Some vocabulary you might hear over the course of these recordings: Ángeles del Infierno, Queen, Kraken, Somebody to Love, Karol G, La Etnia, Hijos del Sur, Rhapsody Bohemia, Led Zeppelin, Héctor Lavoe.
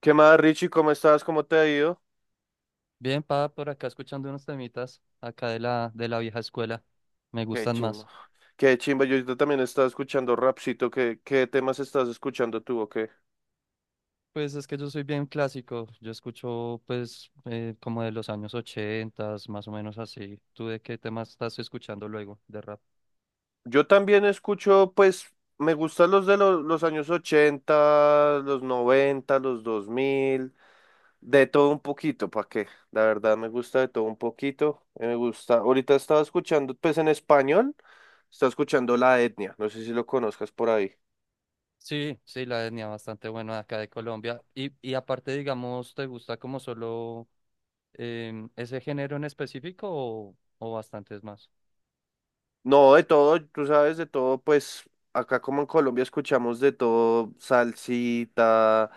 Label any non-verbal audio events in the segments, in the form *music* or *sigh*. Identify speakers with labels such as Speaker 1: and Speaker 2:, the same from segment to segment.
Speaker 1: ¿Qué más, Richie? ¿Cómo estás? ¿Cómo te ha ido?
Speaker 2: Bien, pa, por acá escuchando unos temitas acá de la vieja escuela. Me
Speaker 1: Qué
Speaker 2: gustan
Speaker 1: chimba.
Speaker 2: más.
Speaker 1: Qué chimba. Yo ahorita también estaba escuchando rapcito. ¿Qué temas estás escuchando tú o qué?
Speaker 2: Pues es que yo soy bien clásico. Yo escucho, pues, como de los años ochentas, más o menos así. ¿Tú de qué temas estás escuchando luego de rap?
Speaker 1: Yo también escucho, pues, me gustan los años 80, los 90, los 2000, de todo un poquito, ¿para qué? La verdad me gusta de todo un poquito. Me gusta. Ahorita estaba escuchando, pues, en español, estaba escuchando La Etnia. No sé si lo conozcas por ahí.
Speaker 2: Sí, sí, la etnia bastante buena acá de Colombia. Y aparte, digamos, ¿te gusta como solo ese género en específico o bastantes más?
Speaker 1: No, de todo, tú sabes, de todo, pues acá como en Colombia escuchamos de todo, salsita,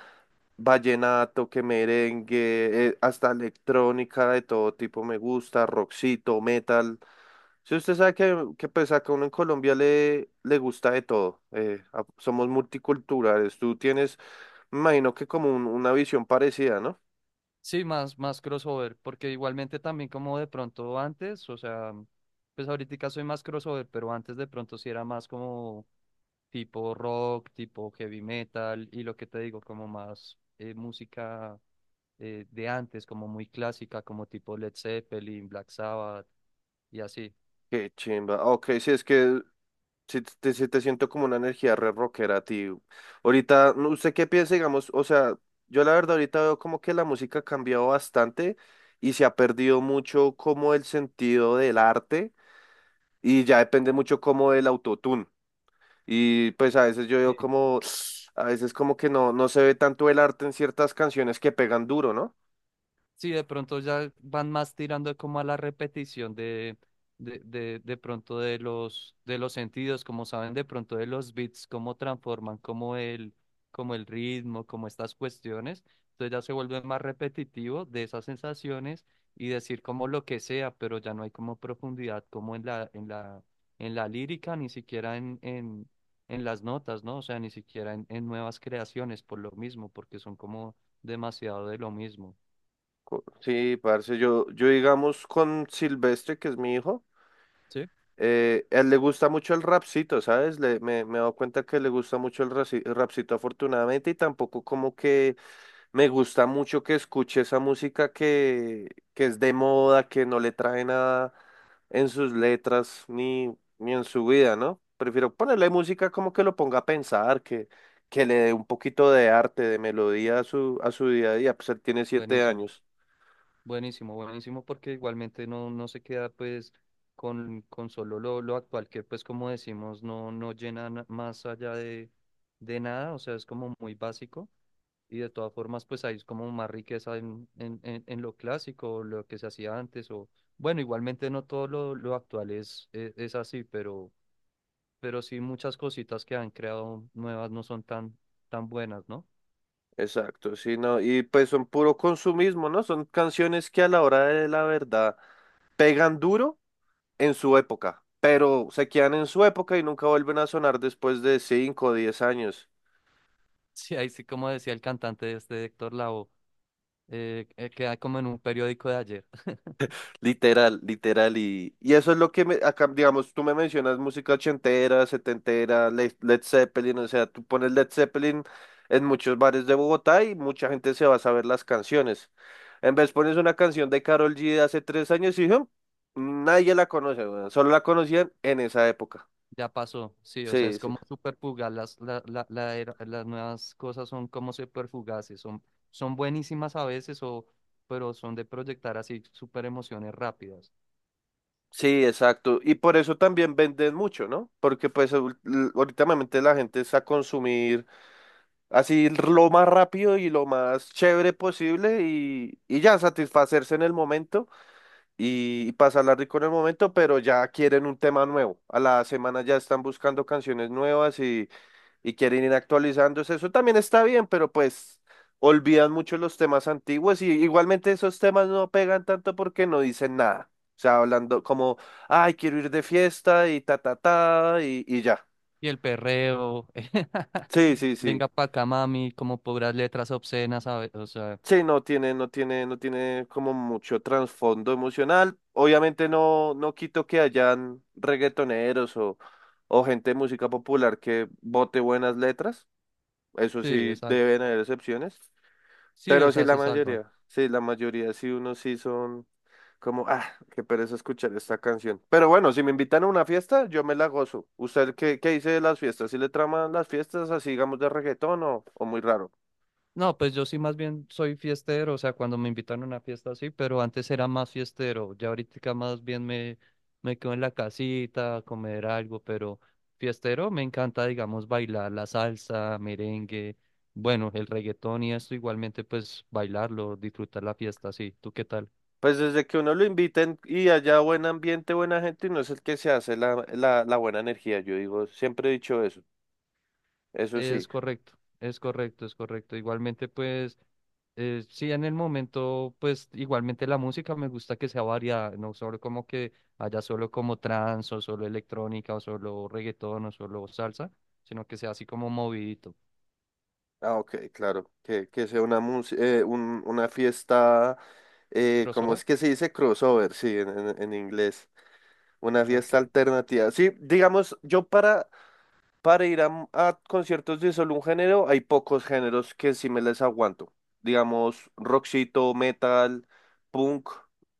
Speaker 1: vallenato, que merengue, hasta electrónica de todo tipo me gusta, rockcito, metal. Si usted sabe que pues acá uno en Colombia le gusta de todo, somos multiculturales, tú tienes, me imagino que como una visión parecida, ¿no?
Speaker 2: Sí, más, más crossover, porque igualmente también como de pronto antes, o sea, pues ahorita soy más crossover, pero antes de pronto sí era más como tipo rock, tipo heavy metal, y lo que te digo, como más música de antes, como muy clásica, como tipo Led Zeppelin, Black Sabbath, y así.
Speaker 1: Qué chimba. Ok, sí es que sí, sí te siento como una energía re rockera, tío. Ahorita, no, ¿usted qué piensa, digamos? O sea, yo la verdad ahorita veo como que la música ha cambiado bastante y se ha perdido mucho como el sentido del arte y ya depende mucho como del autotune. Y pues a veces yo veo como, *sniffs* a veces como que no, no se ve tanto el arte en ciertas canciones que pegan duro, ¿no?
Speaker 2: Sí, de pronto ya van más tirando como a la repetición de pronto de los sentidos, como saben de pronto de los beats, cómo transforman, como el ritmo, como estas cuestiones. Entonces ya se vuelve más repetitivo de esas sensaciones y decir como lo que sea, pero ya no hay como profundidad como en la lírica, ni siquiera en las notas, ¿no? O sea, ni siquiera en nuevas creaciones por lo mismo, porque son como demasiado de lo mismo.
Speaker 1: Sí, parce, yo digamos con Silvestre, que es mi hijo. A él le gusta mucho el rapcito, ¿sabes? Me he dado cuenta que le gusta mucho el rapcito afortunadamente y tampoco como que me gusta mucho que escuche esa música que es de moda, que no le trae nada en sus letras ni en su vida, ¿no? Prefiero ponerle música como que lo ponga a pensar, que le dé un poquito de arte, de melodía a su día a día, pues él tiene siete
Speaker 2: Buenísimo,
Speaker 1: años.
Speaker 2: buenísimo, buenísimo, porque igualmente no, no se queda pues con solo lo actual, que pues como decimos, no, no llena más allá de nada, o sea, es como muy básico y de todas formas pues hay como más riqueza en lo clásico, o lo que se hacía antes, o bueno, igualmente no todo lo actual es así, pero sí muchas cositas que han creado nuevas no son tan, tan buenas, ¿no?
Speaker 1: Exacto, sí, no, y pues son puro consumismo, ¿no? Son canciones que a la hora de la verdad pegan duro en su época, pero se quedan en su época y nunca vuelven a sonar después de 5 o 10 años.
Speaker 2: Sí, ahí sí como decía el cantante de este Héctor Lavoe. Que hay como en un periódico de ayer. *laughs*
Speaker 1: Literal, literal. Y eso es lo que, acá, digamos, tú me mencionas música ochentera, setentera, Led, Zeppelin, o sea, tú pones Led Zeppelin en muchos bares de Bogotá y mucha gente se va a saber las canciones. En vez pones una canción de Karol G de hace 3 años y "Hum", nadie la conoce, weón. Solo la conocían en esa época.
Speaker 2: Ya pasó, sí, o sea,
Speaker 1: Sí,
Speaker 2: es
Speaker 1: sí.
Speaker 2: como súper fugaz. Las, la- la- la era- Las nuevas cosas son como súper fugaces, son, son buenísimas a veces, o, pero son de proyectar así súper emociones rápidas.
Speaker 1: Sí, exacto. Y por eso también venden mucho, ¿no? Porque pues últimamente la gente está a consumir así lo más rápido y lo más chévere posible y ya satisfacerse en el momento y pasarla rico en el momento, pero ya quieren un tema nuevo. A la semana ya están buscando canciones nuevas y quieren ir actualizándose. Eso también está bien, pero pues olvidan mucho los temas antiguos y igualmente esos temas no pegan tanto porque no dicen nada. O sea, hablando como, ay, quiero ir de fiesta y ta, ta, ta, y ya.
Speaker 2: Y el perreo, *laughs*
Speaker 1: Sí, sí, sí.
Speaker 2: venga pa' acá, mami, como puras letras obscenas, o sea,
Speaker 1: Sí, no tiene como mucho trasfondo emocional. Obviamente no quito que hayan reggaetoneros o gente de música popular que bote buenas letras. Eso
Speaker 2: sí,
Speaker 1: sí,
Speaker 2: exacto.
Speaker 1: deben haber excepciones.
Speaker 2: Sí, o
Speaker 1: Pero sí,
Speaker 2: sea,
Speaker 1: la
Speaker 2: se salva.
Speaker 1: mayoría, sí, la mayoría, sí, unos sí son como, ah, qué pereza escuchar esta canción. Pero bueno, si me invitan a una fiesta, yo me la gozo. ¿Usted qué dice de las fiestas? ¿Sí le traman las fiestas así, digamos, de reggaetón o muy raro?
Speaker 2: No, pues yo sí más bien soy fiestero, o sea, cuando me invitan a una fiesta así, pero antes era más fiestero, ya ahorita más bien me quedo en la casita a comer algo, pero fiestero me encanta, digamos, bailar la salsa, merengue, bueno, el reggaetón y esto igualmente pues bailarlo, disfrutar la fiesta, sí, ¿tú qué tal?
Speaker 1: Pues desde que uno lo inviten y haya buen ambiente, buena gente, y no es el que se hace la buena energía, yo digo, siempre he dicho eso, eso sí.
Speaker 2: Es correcto, es correcto, es correcto. Igualmente, pues, sí, en el momento, pues, igualmente la música me gusta que sea variada, no solo como que haya solo como trance o solo electrónica o solo reggaetón o solo salsa, sino que sea así como movidito.
Speaker 1: Ah, ok, claro, que sea una, una fiesta, ¿cómo
Speaker 2: ¿Crossover?
Speaker 1: es que se dice crossover? Sí, en inglés. Una fiesta
Speaker 2: Ok.
Speaker 1: alternativa. Sí, digamos, para ir a conciertos de solo un género, hay pocos géneros que sí me les aguanto. Digamos, rockcito, metal, punk,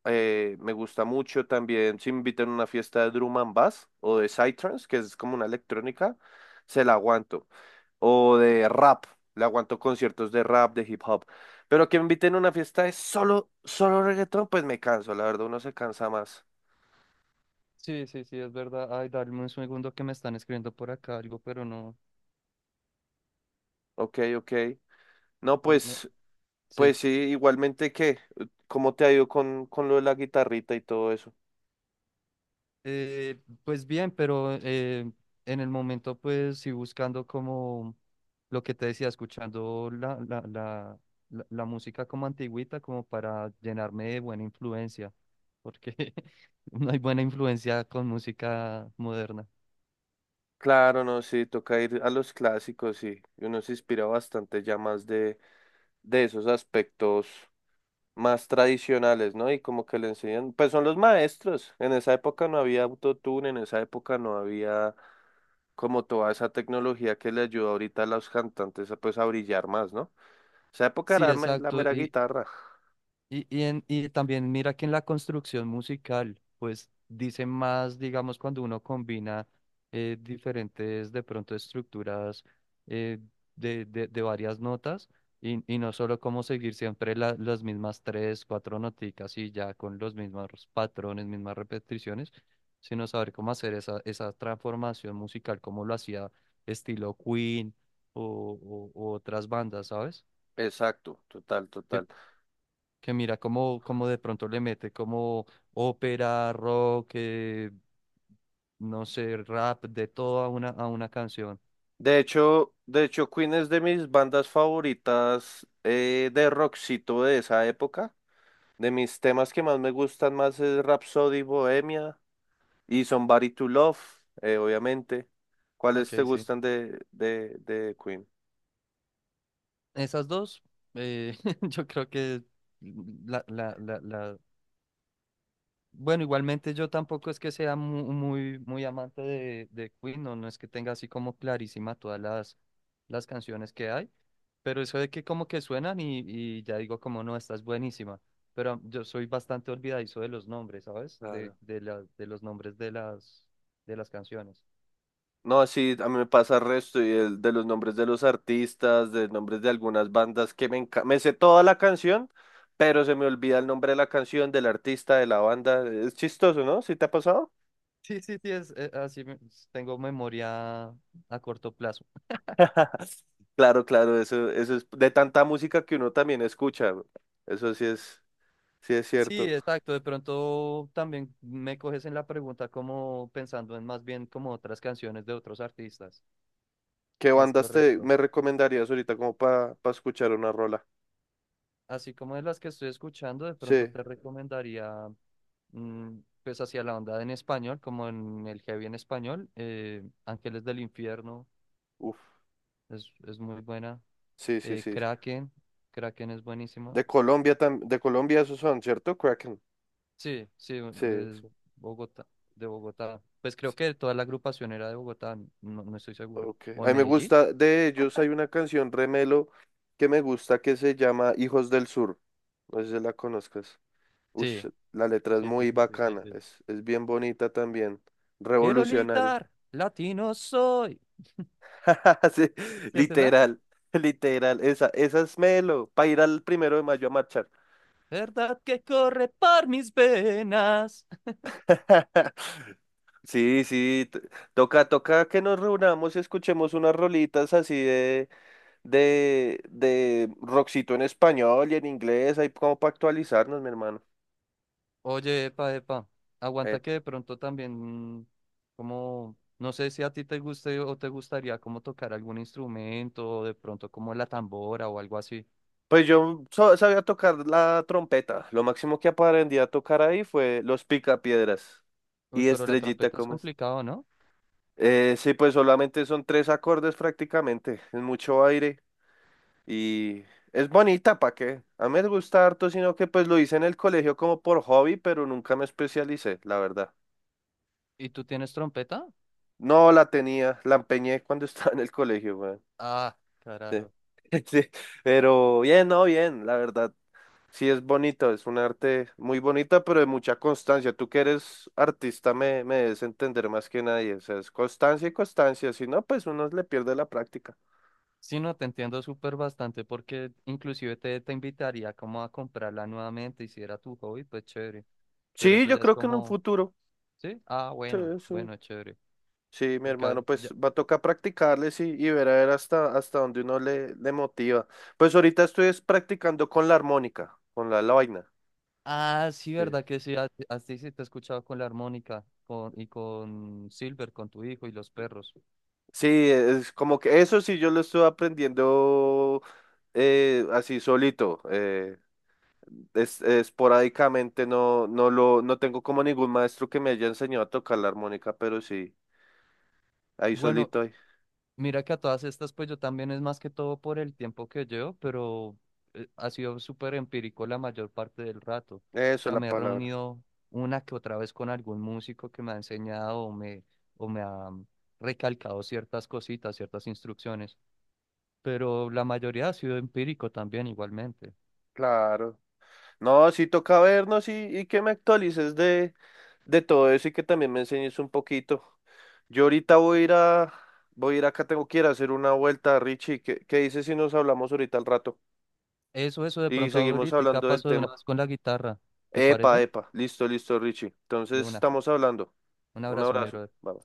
Speaker 1: me gusta mucho también. Si me invitan a una fiesta de drum and bass o de psytrance, que es como una electrónica, se la aguanto. O de rap, le aguanto conciertos de rap, de hip hop. Pero que me inviten a una fiesta de solo reggaetón, pues me canso, la verdad, uno se cansa más.
Speaker 2: Sí, sí, sí, es verdad. Ay, dame un segundo que me están escribiendo por acá algo, pero no.
Speaker 1: Ok, ok. No,
Speaker 2: Me, me...
Speaker 1: pues,
Speaker 2: Sí.
Speaker 1: pues sí, igualmente que, ¿cómo te ha ido con lo de la guitarrita y todo eso?
Speaker 2: Eh, pues bien, pero en el momento pues sí buscando como lo que te decía, escuchando la música como antigüita, como para llenarme de buena influencia, porque *laughs* no hay buena influencia con música moderna.
Speaker 1: Claro, no, sí, toca ir a los clásicos y uno se inspira bastante ya más de esos aspectos más tradicionales, ¿no? Y como que le enseñan, pues son los maestros. En esa época no había autotune, en esa época no había como toda esa tecnología que le ayuda ahorita a los cantantes a, pues a brillar más, ¿no? Esa época
Speaker 2: Sí,
Speaker 1: era la
Speaker 2: exacto.
Speaker 1: mera guitarra.
Speaker 2: Y también mira que en la construcción musical, pues dice más, digamos, cuando uno combina diferentes, de pronto, estructuras eh, de varias notas y no solo como seguir siempre las mismas tres, cuatro noticas y ya con los mismos patrones, mismas repeticiones, sino saber cómo hacer esa transformación musical, como lo hacía estilo Queen o u otras bandas, ¿sabes?
Speaker 1: Exacto, total, total.
Speaker 2: Que mira cómo, cómo de pronto le mete como ópera, rock, no sé, rap, de todo a a una canción.
Speaker 1: De hecho, Queen es de mis bandas favoritas de rockcito de esa época. De mis temas que más me gustan más es Rhapsody Bohemia y Somebody to Love, obviamente. ¿Cuáles
Speaker 2: Ok,
Speaker 1: te
Speaker 2: sí.
Speaker 1: gustan de, de Queen?
Speaker 2: Esas dos, *laughs* yo creo que la, la, la, la- bueno, igualmente yo tampoco es que sea muy, muy amante de Queen, no, no es que tenga así como clarísima todas las canciones que hay, pero eso de que como que suenan y ya digo como no, esta es buenísima, pero yo soy bastante olvidadizo de los nombres, ¿sabes?
Speaker 1: Claro.
Speaker 2: De los nombres de de las canciones.
Speaker 1: No, sí, a mí me pasa el resto y de los nombres de los artistas, de nombres de algunas bandas que me encanta. Me sé toda la canción, pero se me olvida el nombre de la canción, del artista, de la banda. Es chistoso, ¿no? ¿Sí te ha pasado?
Speaker 2: Sí, sí, sí, es, tengo memoria a corto plazo.
Speaker 1: *laughs* Claro, claro, eso es de tanta música que uno también escucha. Eso sí es
Speaker 2: Sí,
Speaker 1: cierto.
Speaker 2: exacto. De pronto también me coges en la pregunta como pensando en más bien como otras canciones de otros artistas.
Speaker 1: ¿Qué
Speaker 2: Es
Speaker 1: bandas te
Speaker 2: correcto.
Speaker 1: me recomendarías ahorita como para escuchar una rola?
Speaker 2: Así como de las que estoy escuchando, de pronto
Speaker 1: Sí,
Speaker 2: te recomendaría, mm, pues hacia la onda en español, como en el heavy en español, Ángeles del Infierno
Speaker 1: uff,
Speaker 2: es muy buena.
Speaker 1: sí, sí, sí.
Speaker 2: Kraken, Kraken es buenísima.
Speaker 1: De Colombia también, de Colombia esos son, ¿cierto? Kraken.
Speaker 2: Sí, sí,
Speaker 1: Sí,
Speaker 2: es
Speaker 1: sí.
Speaker 2: Bogotá, de Bogotá. Pues creo
Speaker 1: Sí.
Speaker 2: que toda la agrupación era de Bogotá, no, no estoy seguro.
Speaker 1: Ok.
Speaker 2: ¿O
Speaker 1: A
Speaker 2: de
Speaker 1: mí me
Speaker 2: Medellín?
Speaker 1: gusta, de ellos hay una canción Remelo que me gusta que se llama Hijos del Sur. No sé si la conozcas. Ush,
Speaker 2: Sí,
Speaker 1: la letra es
Speaker 2: sí, sí,
Speaker 1: muy
Speaker 2: sí, sí, sí,
Speaker 1: bacana,
Speaker 2: sí.
Speaker 1: es bien bonita también,
Speaker 2: Quiero
Speaker 1: revolucionaria.
Speaker 2: gritar, latino soy.
Speaker 1: *laughs* Sí,
Speaker 2: ¿Sí, sí, es esa?
Speaker 1: literal, literal, esa es Melo, para ir al primero de mayo a marchar.
Speaker 2: ¿Verdad que corre por mis venas?
Speaker 1: *laughs* Sí, sí, toca, toca que nos reunamos y escuchemos unas rolitas así de, de rockcito en español y en inglés, ahí como para actualizarnos, mi hermano.
Speaker 2: Oye, epa, epa, aguanta que
Speaker 1: Epa.
Speaker 2: de pronto también, como, no sé si a ti te guste o te gustaría como tocar algún instrumento, o de pronto como la tambora o algo así.
Speaker 1: Pues yo sabía tocar la trompeta, lo máximo que aprendí a tocar ahí fue los picapiedras
Speaker 2: Uy,
Speaker 1: y
Speaker 2: pero la
Speaker 1: Estrellita,
Speaker 2: trompeta es
Speaker 1: ¿cómo es?
Speaker 2: complicado, ¿no?
Speaker 1: Sí, pues solamente son 3 acordes prácticamente, es mucho aire y es bonita, ¿para qué? A mí me gusta harto, sino que pues lo hice en el colegio como por hobby, pero nunca me especialicé, la verdad.
Speaker 2: ¿Y tú tienes trompeta?
Speaker 1: No la tenía, la empeñé cuando *laughs* estaba en el colegio, weón.
Speaker 2: Ah,
Speaker 1: Sí.
Speaker 2: carajo.
Speaker 1: *laughs* Sí, pero bien, no, bien, la verdad. Sí es bonito, es un arte muy bonita, pero de mucha constancia. Tú que eres artista me debes entender más que nadie. O sea, es constancia y constancia, si no, pues uno le pierde la práctica.
Speaker 2: Sí, no, te entiendo súper bastante porque inclusive te invitaría como a comprarla nuevamente y si era tu hobby, pues chévere. Pero
Speaker 1: Sí,
Speaker 2: eso
Speaker 1: yo
Speaker 2: ya es
Speaker 1: creo que en un
Speaker 2: como,
Speaker 1: futuro.
Speaker 2: ¿sí? Ah,
Speaker 1: Sí,
Speaker 2: bueno,
Speaker 1: sí.
Speaker 2: bueno, chévere.
Speaker 1: Sí, mi
Speaker 2: Porque, a
Speaker 1: hermano,
Speaker 2: ver, ya-
Speaker 1: pues va a tocar practicarles y ver a ver hasta dónde uno le motiva. Pues ahorita estoy es practicando con la armónica, con la vaina.
Speaker 2: Ah, sí,
Speaker 1: Sí.
Speaker 2: verdad que sí, a ti sí sí, te he escuchado con la armónica con, y con Silver, con tu hijo y los perros.
Speaker 1: Sí, es como que eso sí yo lo estoy aprendiendo así solito, es, esporádicamente, no, no tengo como ningún maestro que me haya enseñado a tocar la armónica, pero sí, ahí
Speaker 2: Bueno,
Speaker 1: solito, ahí.
Speaker 2: mira que a todas estas, pues yo también es más que todo por el tiempo que llevo, pero ha sido súper empírico la mayor parte del rato. O
Speaker 1: Eso es
Speaker 2: sea,
Speaker 1: la
Speaker 2: me he
Speaker 1: palabra.
Speaker 2: reunido una que otra vez con algún músico que me ha enseñado o me ha recalcado ciertas cositas, ciertas instrucciones, pero la mayoría ha sido empírico también igualmente.
Speaker 1: Claro. No, sí toca vernos y que me actualices de, todo eso y que también me enseñes un poquito. Yo ahorita voy a ir a, voy a ir acá, tengo que ir a hacer una vuelta, Richie. ¿Qué dices si nos hablamos ahorita al rato?
Speaker 2: Eso de
Speaker 1: Y
Speaker 2: pronto
Speaker 1: seguimos
Speaker 2: ahorita
Speaker 1: hablando del
Speaker 2: paso de
Speaker 1: tema.
Speaker 2: una vez con la guitarra, ¿te
Speaker 1: Epa,
Speaker 2: parece?
Speaker 1: epa, listo, listo, Richie.
Speaker 2: De
Speaker 1: Entonces
Speaker 2: una.
Speaker 1: estamos hablando.
Speaker 2: Un
Speaker 1: Un
Speaker 2: abrazo, mi
Speaker 1: abrazo.
Speaker 2: brother.
Speaker 1: Bye.